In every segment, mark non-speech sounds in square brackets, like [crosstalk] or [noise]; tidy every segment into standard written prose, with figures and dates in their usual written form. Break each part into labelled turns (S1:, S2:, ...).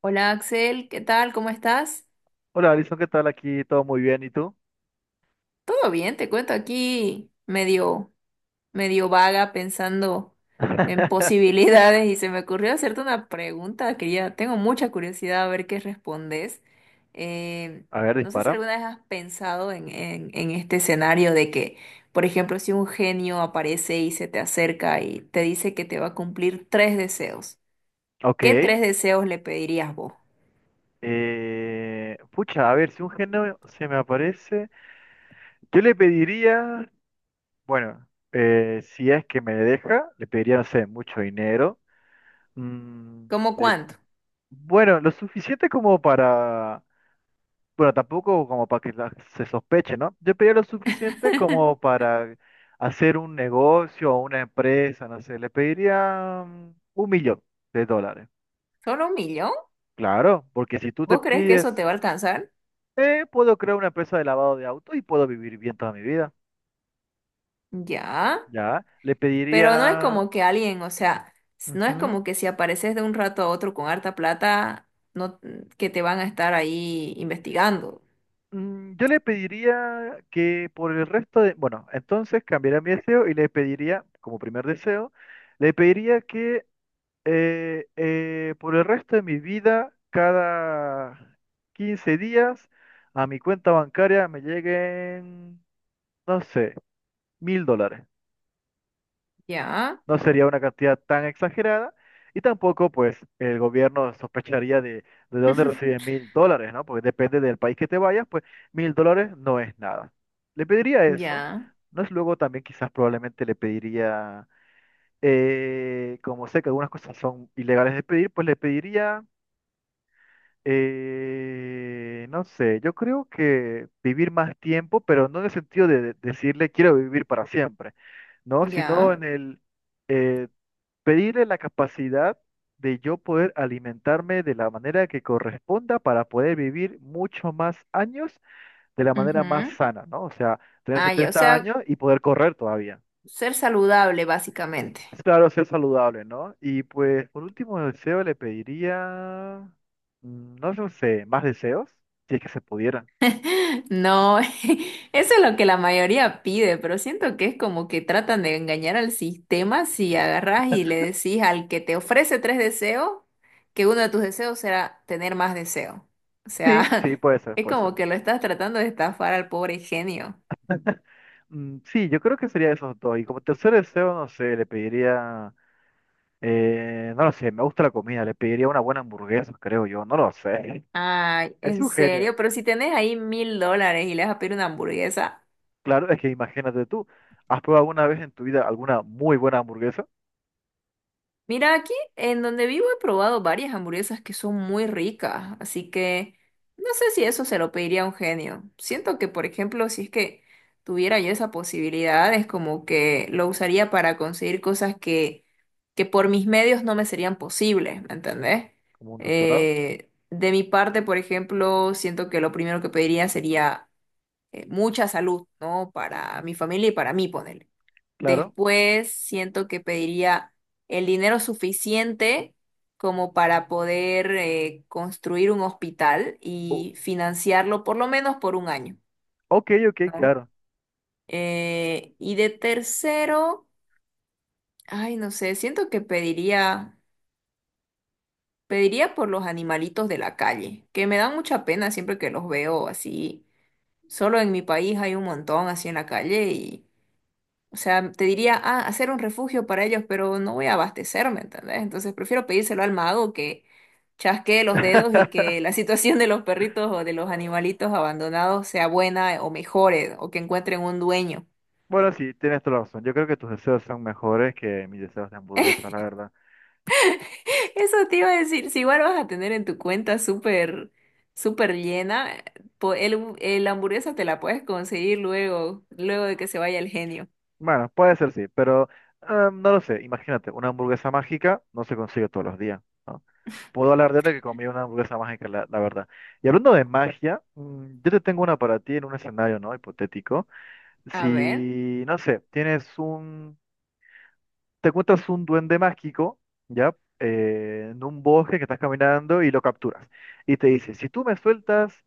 S1: Hola Axel, ¿qué tal? ¿Cómo estás?
S2: Hola, Alison, ¿qué tal? Aquí todo muy bien, ¿y tú?
S1: Todo bien, te cuento aquí medio vaga pensando en
S2: [laughs]
S1: posibilidades y se me ocurrió hacerte una pregunta que ya tengo mucha curiosidad a ver qué respondes. Eh,
S2: A ver,
S1: no sé si
S2: dispara.
S1: alguna vez has pensado en este escenario de que, por ejemplo, si un genio aparece y se te acerca y te dice que te va a cumplir tres deseos,
S2: Ok.
S1: ¿qué tres deseos le pedirías vos?
S2: Pucha, a ver, si un género se me aparece, yo le pediría, bueno, si es que me deja, le pediría, no sé, mucho dinero. Mm,
S1: ¿Cómo
S2: le-
S1: cuánto?
S2: bueno, lo suficiente como para, bueno, tampoco como para que se sospeche, ¿no? Yo pediría lo suficiente como para hacer un negocio o una empresa, no sé, le pediría 1.000.000 de dólares.
S1: ¿Solo un millón?
S2: Claro, porque si tú te
S1: ¿Vos crees que eso
S2: pides,
S1: te va a alcanzar?
S2: puedo crear una empresa de lavado de autos y puedo vivir bien toda mi vida,
S1: Ya,
S2: ¿ya? Le
S1: pero no es
S2: pediría.
S1: como que alguien, o sea, no es
S2: Ujú.
S1: como que si apareces de un rato a otro con harta plata, no, que te van a estar ahí investigando.
S2: Yo le pediría que por el resto de, bueno, entonces cambiaría mi deseo y le pediría, como primer deseo, le pediría que por el resto de mi vida, cada 15 días, a mi cuenta bancaria me lleguen, no sé, 1.000 dólares.
S1: Ya,
S2: No sería una cantidad tan exagerada y tampoco pues el gobierno sospecharía de dónde
S1: [laughs]
S2: recibe 1.000 dólares, ¿no? Porque depende del país que te vayas, pues 1.000 dólares no es nada. Le pediría eso.
S1: ya,
S2: No es luego también quizás probablemente le pediría, como sé que algunas cosas son ilegales de pedir, pues le pediría, no sé, yo creo que vivir más tiempo, pero no en el sentido de decirle quiero vivir para siempre, ¿no? Sino
S1: ya.
S2: eh, pedirle la capacidad de yo poder alimentarme de la manera que corresponda para poder vivir mucho más años de la manera más
S1: Ujú.
S2: sana, ¿no? O sea, tener
S1: Ah, ya, o
S2: 70
S1: sea,
S2: años y poder correr todavía.
S1: ser saludable básicamente.
S2: Es claro, ser saludable, ¿no? Y pues por último deseo le pediría, no lo sé, más deseos, si es que se pudieran.
S1: No, [laughs] eso es lo que la mayoría pide, pero siento que es como que tratan de engañar al sistema si agarras y le decís al que te ofrece tres deseos que uno de tus deseos será tener más deseo. O
S2: Sí, sí,
S1: sea,
S2: puede
S1: [laughs]
S2: ser,
S1: es
S2: puede ser.
S1: como que lo estás tratando de estafar al pobre genio.
S2: Mm, sí, yo creo que sería esos dos. Y como tercer deseo, no sé, le pediría. No lo sé, me gusta la comida, le pediría una buena hamburguesa, creo yo, no lo sé.
S1: Ay,
S2: Es
S1: en
S2: un genio.
S1: serio, pero si tenés ahí $1.000 y le vas a pedir una hamburguesa.
S2: Claro, es que imagínate tú, ¿has probado alguna vez en tu vida alguna muy buena hamburguesa?
S1: Mira, aquí en donde vivo he probado varias hamburguesas que son muy ricas, así que no sé si eso se lo pediría a un genio. Siento que, por ejemplo, si es que tuviera yo esa posibilidad, es como que lo usaría para conseguir cosas que por mis medios no me serían posibles, ¿me entendés?
S2: Como un doctorado,
S1: De mi parte, por ejemplo, siento que lo primero que pediría sería mucha salud, ¿no? Para mi familia y para mí, ponerle.
S2: claro.
S1: Después siento que pediría el dinero suficiente como para poder construir un hospital
S2: O-
S1: y financiarlo por lo menos por un año,
S2: ok, ok,
S1: ¿no?
S2: claro.
S1: Y de tercero, ay, no sé, siento que pediría por los animalitos de la calle, que me dan mucha pena siempre que los veo así. Solo en mi país hay un montón así en la calle y, o sea, te diría, ah, hacer un refugio para ellos, pero no voy a abastecerme, ¿entendés? Entonces prefiero pedírselo al mago que chasquee los dedos y que la [laughs]
S2: [laughs]
S1: situación de los perritos o de los animalitos abandonados sea buena o mejore o que encuentren un dueño.
S2: Bueno, sí, tienes toda la razón. Yo creo que tus deseos son mejores que mis deseos de hamburguesa, la verdad.
S1: [laughs] Eso te iba a decir, si igual vas a tener en tu cuenta súper, súper llena, el hamburguesa te la puedes conseguir luego, luego de que se vaya el genio.
S2: Bueno, puede ser sí, pero no lo sé. Imagínate, una hamburguesa mágica no se consigue todos los días, ¿no? Puedo hablar de que comí una hamburguesa mágica, la verdad. Y hablando de magia, yo te tengo una para ti en un escenario, ¿no? Hipotético.
S1: A ver,
S2: Si, no sé, te encuentras un duende mágico, ¿ya? En un bosque que estás caminando y lo capturas. Y te dice, si tú me sueltas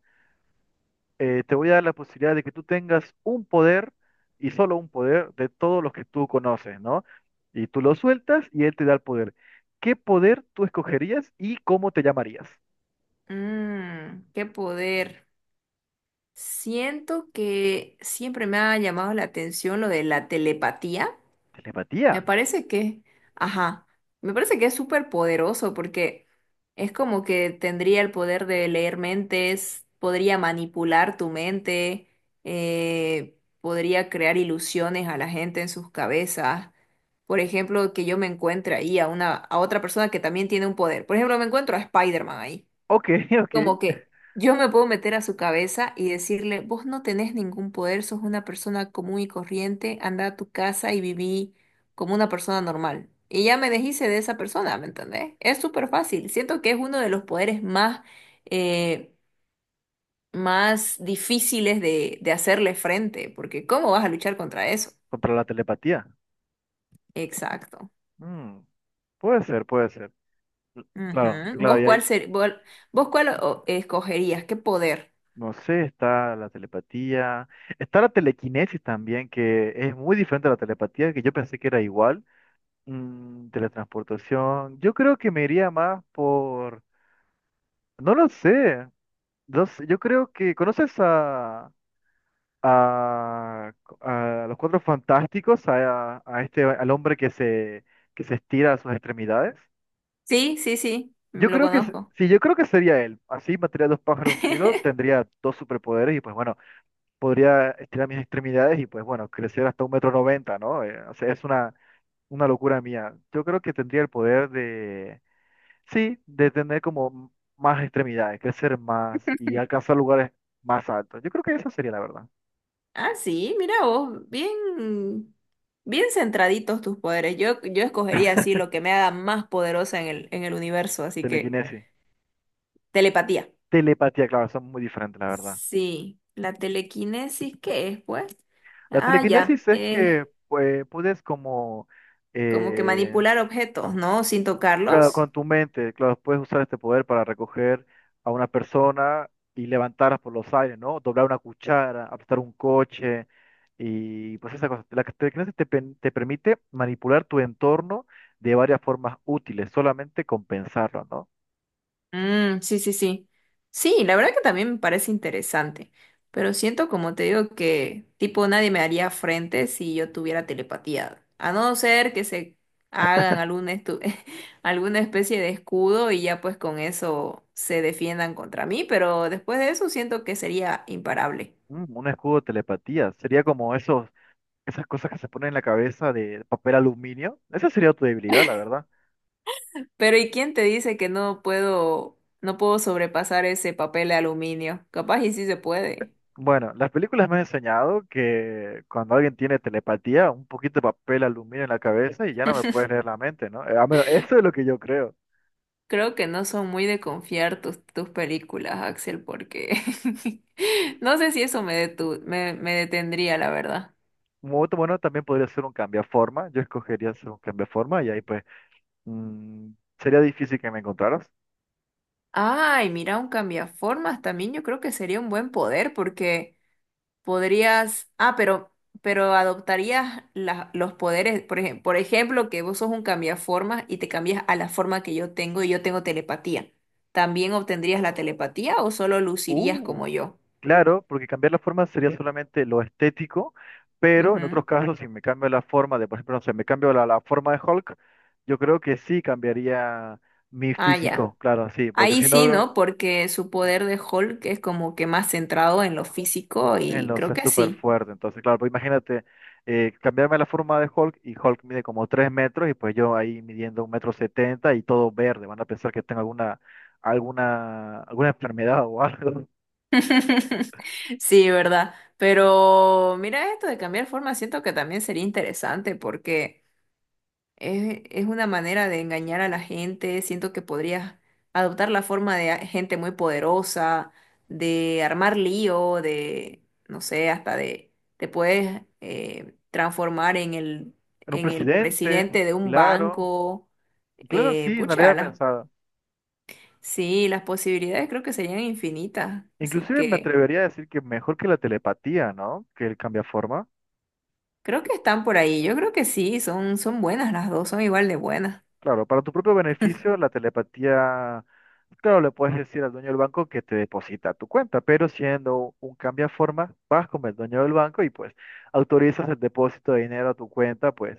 S2: te voy a dar la posibilidad de que tú tengas un poder y solo un poder de todos los que tú conoces, ¿no? Y tú lo sueltas y él te da el poder. ¿Qué poder tú escogerías y cómo te llamarías?
S1: qué poder. Siento que siempre me ha llamado la atención lo de la telepatía. Me
S2: Telepatía.
S1: parece que, ajá, me parece que es súper poderoso porque es como que tendría el poder de leer mentes, podría manipular tu mente, podría crear ilusiones a la gente en sus cabezas. Por ejemplo, que yo me encuentre ahí a otra persona que también tiene un poder. Por ejemplo, me encuentro a Spider-Man ahí.
S2: Ok, [laughs] ok.
S1: Como que yo me puedo meter a su cabeza y decirle, vos no tenés ningún poder, sos una persona común y corriente, anda a tu casa y viví como una persona normal. Y ya me deshice de esa persona, ¿me entendés? Es súper fácil. Siento que es uno de los poderes eh, más difíciles de hacerle frente, porque ¿cómo vas a luchar contra eso?
S2: Contra la telepatía.
S1: Exacto.
S2: Mm, puede ser, puede ser. Claro,
S1: Ujú.
S2: claro,
S1: ¿Vos
S2: y ahí,
S1: cuál ser, vos, vos cuál escogerías? ¿Qué poder?
S2: no sé, está la telepatía, está la telequinesis también, que es muy diferente a la telepatía, que yo pensé que era igual. Teletransportación, yo creo que me iría más por. No lo sé. No sé, yo creo que conoces a, a, a, los Cuatro Fantásticos, a este, al hombre que se estira a sus extremidades.
S1: Sí, sí, sí,
S2: Yo
S1: lo
S2: creo que,
S1: conozco.
S2: sí, yo creo que sería él. Así mataría dos pájaros de un tiro,
S1: [laughs]
S2: tendría dos superpoderes y pues bueno, podría estirar mis extremidades y pues bueno, crecer hasta 1,90 m, ¿no? O sea, es una locura mía. Yo creo que tendría el poder. Sí, de tener como más extremidades, crecer más y alcanzar lugares más altos. Yo creo que esa sería la verdad.
S1: Ah, sí, mira vos, bien, bien centraditos tus poderes. Yo escogería así lo que me haga más poderosa en el universo, así que
S2: Telequinesis.
S1: telepatía.
S2: Telepatía, claro, son muy diferentes, la verdad.
S1: Sí, la telequinesis, ¿qué es, pues?
S2: La
S1: Ah, ya,
S2: telequinesis es que, pues, puedes como.
S1: como que
S2: eh,
S1: manipular objetos, ¿no? Sin
S2: Claro,
S1: tocarlos.
S2: con tu mente, claro, puedes usar este poder para recoger a una persona y levantarla por los aires, ¿no? Doblar una cuchara, apretar un coche y pues esa cosa. La telequinesis te permite manipular tu entorno de varias formas útiles, solamente con pensarlo, ¿no?
S1: Mm, sí, sí, sí. Sí, la verdad que también me parece interesante, pero siento como te digo que tipo nadie me haría frente si yo tuviera telepatía, a no ser que se hagan algún [laughs] alguna especie de escudo y ya pues con eso se defiendan contra mí, pero después de eso siento que sería imparable.
S2: Mm, un escudo de telepatía, sería como esos, esas cosas que se ponen en la cabeza de papel aluminio. Esa sería tu debilidad, la verdad.
S1: Pero ¿y quién te dice que no puedo sobrepasar ese papel de aluminio? Capaz y sí se puede.
S2: Bueno, las películas me han enseñado que cuando alguien tiene telepatía, un poquito de papel aluminio en la cabeza y ya no me puedes leer la mente, ¿no? A menos, eso es lo que yo creo.
S1: Creo que no son muy de confiar tus películas, Axel, porque [laughs] no sé si eso me detendría, la verdad.
S2: Un momento bueno también podría ser un cambiaforma. Yo escogería ser un cambiaforma y ahí pues mm, sería difícil que me encontraras.
S1: Ay, mira, un cambiaformas también yo creo que sería un buen poder porque podrías, ah, pero adoptarías los poderes, por ejemplo, que vos sos un cambiaformas y te cambias a la forma que yo tengo y yo tengo telepatía. ¿También obtendrías la telepatía o solo lucirías como
S2: Uh,
S1: yo?
S2: claro, porque cambiar la forma sería solamente lo estético, pero en otros
S1: Ujú.
S2: casos si me cambio la forma de, por ejemplo, no sé, me cambio la forma de Hulk, yo creo que sí cambiaría mi
S1: Ah, ya.
S2: físico, claro, sí, porque
S1: Ahí
S2: si
S1: sí,
S2: no.
S1: ¿no? Porque su poder de Hulk es como que más centrado en lo físico y creo
S2: Entonces,
S1: que
S2: súper
S1: sí.
S2: fuerte. Entonces, claro, pues imagínate, cambiarme la forma de Hulk y Hulk mide como 3 metros y pues yo ahí midiendo 1,70 m y todo verde. Van a pensar que tengo alguna enfermedad o algo.
S1: [laughs] Sí, ¿verdad? Pero mira esto de cambiar forma, siento que también sería interesante porque... Es una manera de engañar a la gente. Siento que podrías adoptar la forma de gente muy poderosa, de armar lío, de, no sé, hasta de, te puedes transformar
S2: [laughs] En un
S1: en el
S2: presidente,
S1: presidente de un
S2: claro.
S1: banco.
S2: Claro, sí, no lo
S1: Pucha,
S2: había pensado.
S1: sí, las posibilidades creo que serían infinitas. Así
S2: Inclusive me
S1: que
S2: atrevería a decir que mejor que la telepatía, ¿no? Que el cambia.
S1: creo que están por ahí. Yo creo que sí, son buenas las dos, son igual de buenas.
S2: Claro, para tu propio beneficio, la telepatía, claro, le puedes decir al dueño del banco que te deposita a tu cuenta, pero siendo un forma, vas con el dueño del banco y pues autorizas el depósito de dinero a tu cuenta, pues,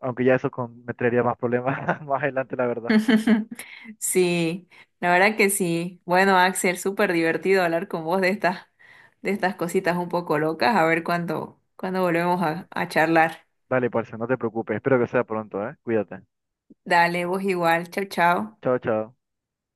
S2: aunque ya eso me traería más problemas [laughs] más adelante, la verdad.
S1: [laughs] Sí, la verdad que sí. Bueno, Axel, súper divertido hablar con vos de estas cositas un poco locas. A ver cuándo volvemos a charlar.
S2: Dale, parce, no te preocupes, espero que sea pronto, ¿eh? Cuídate.
S1: Dale, vos igual. Chau, chau.
S2: Chao, chao.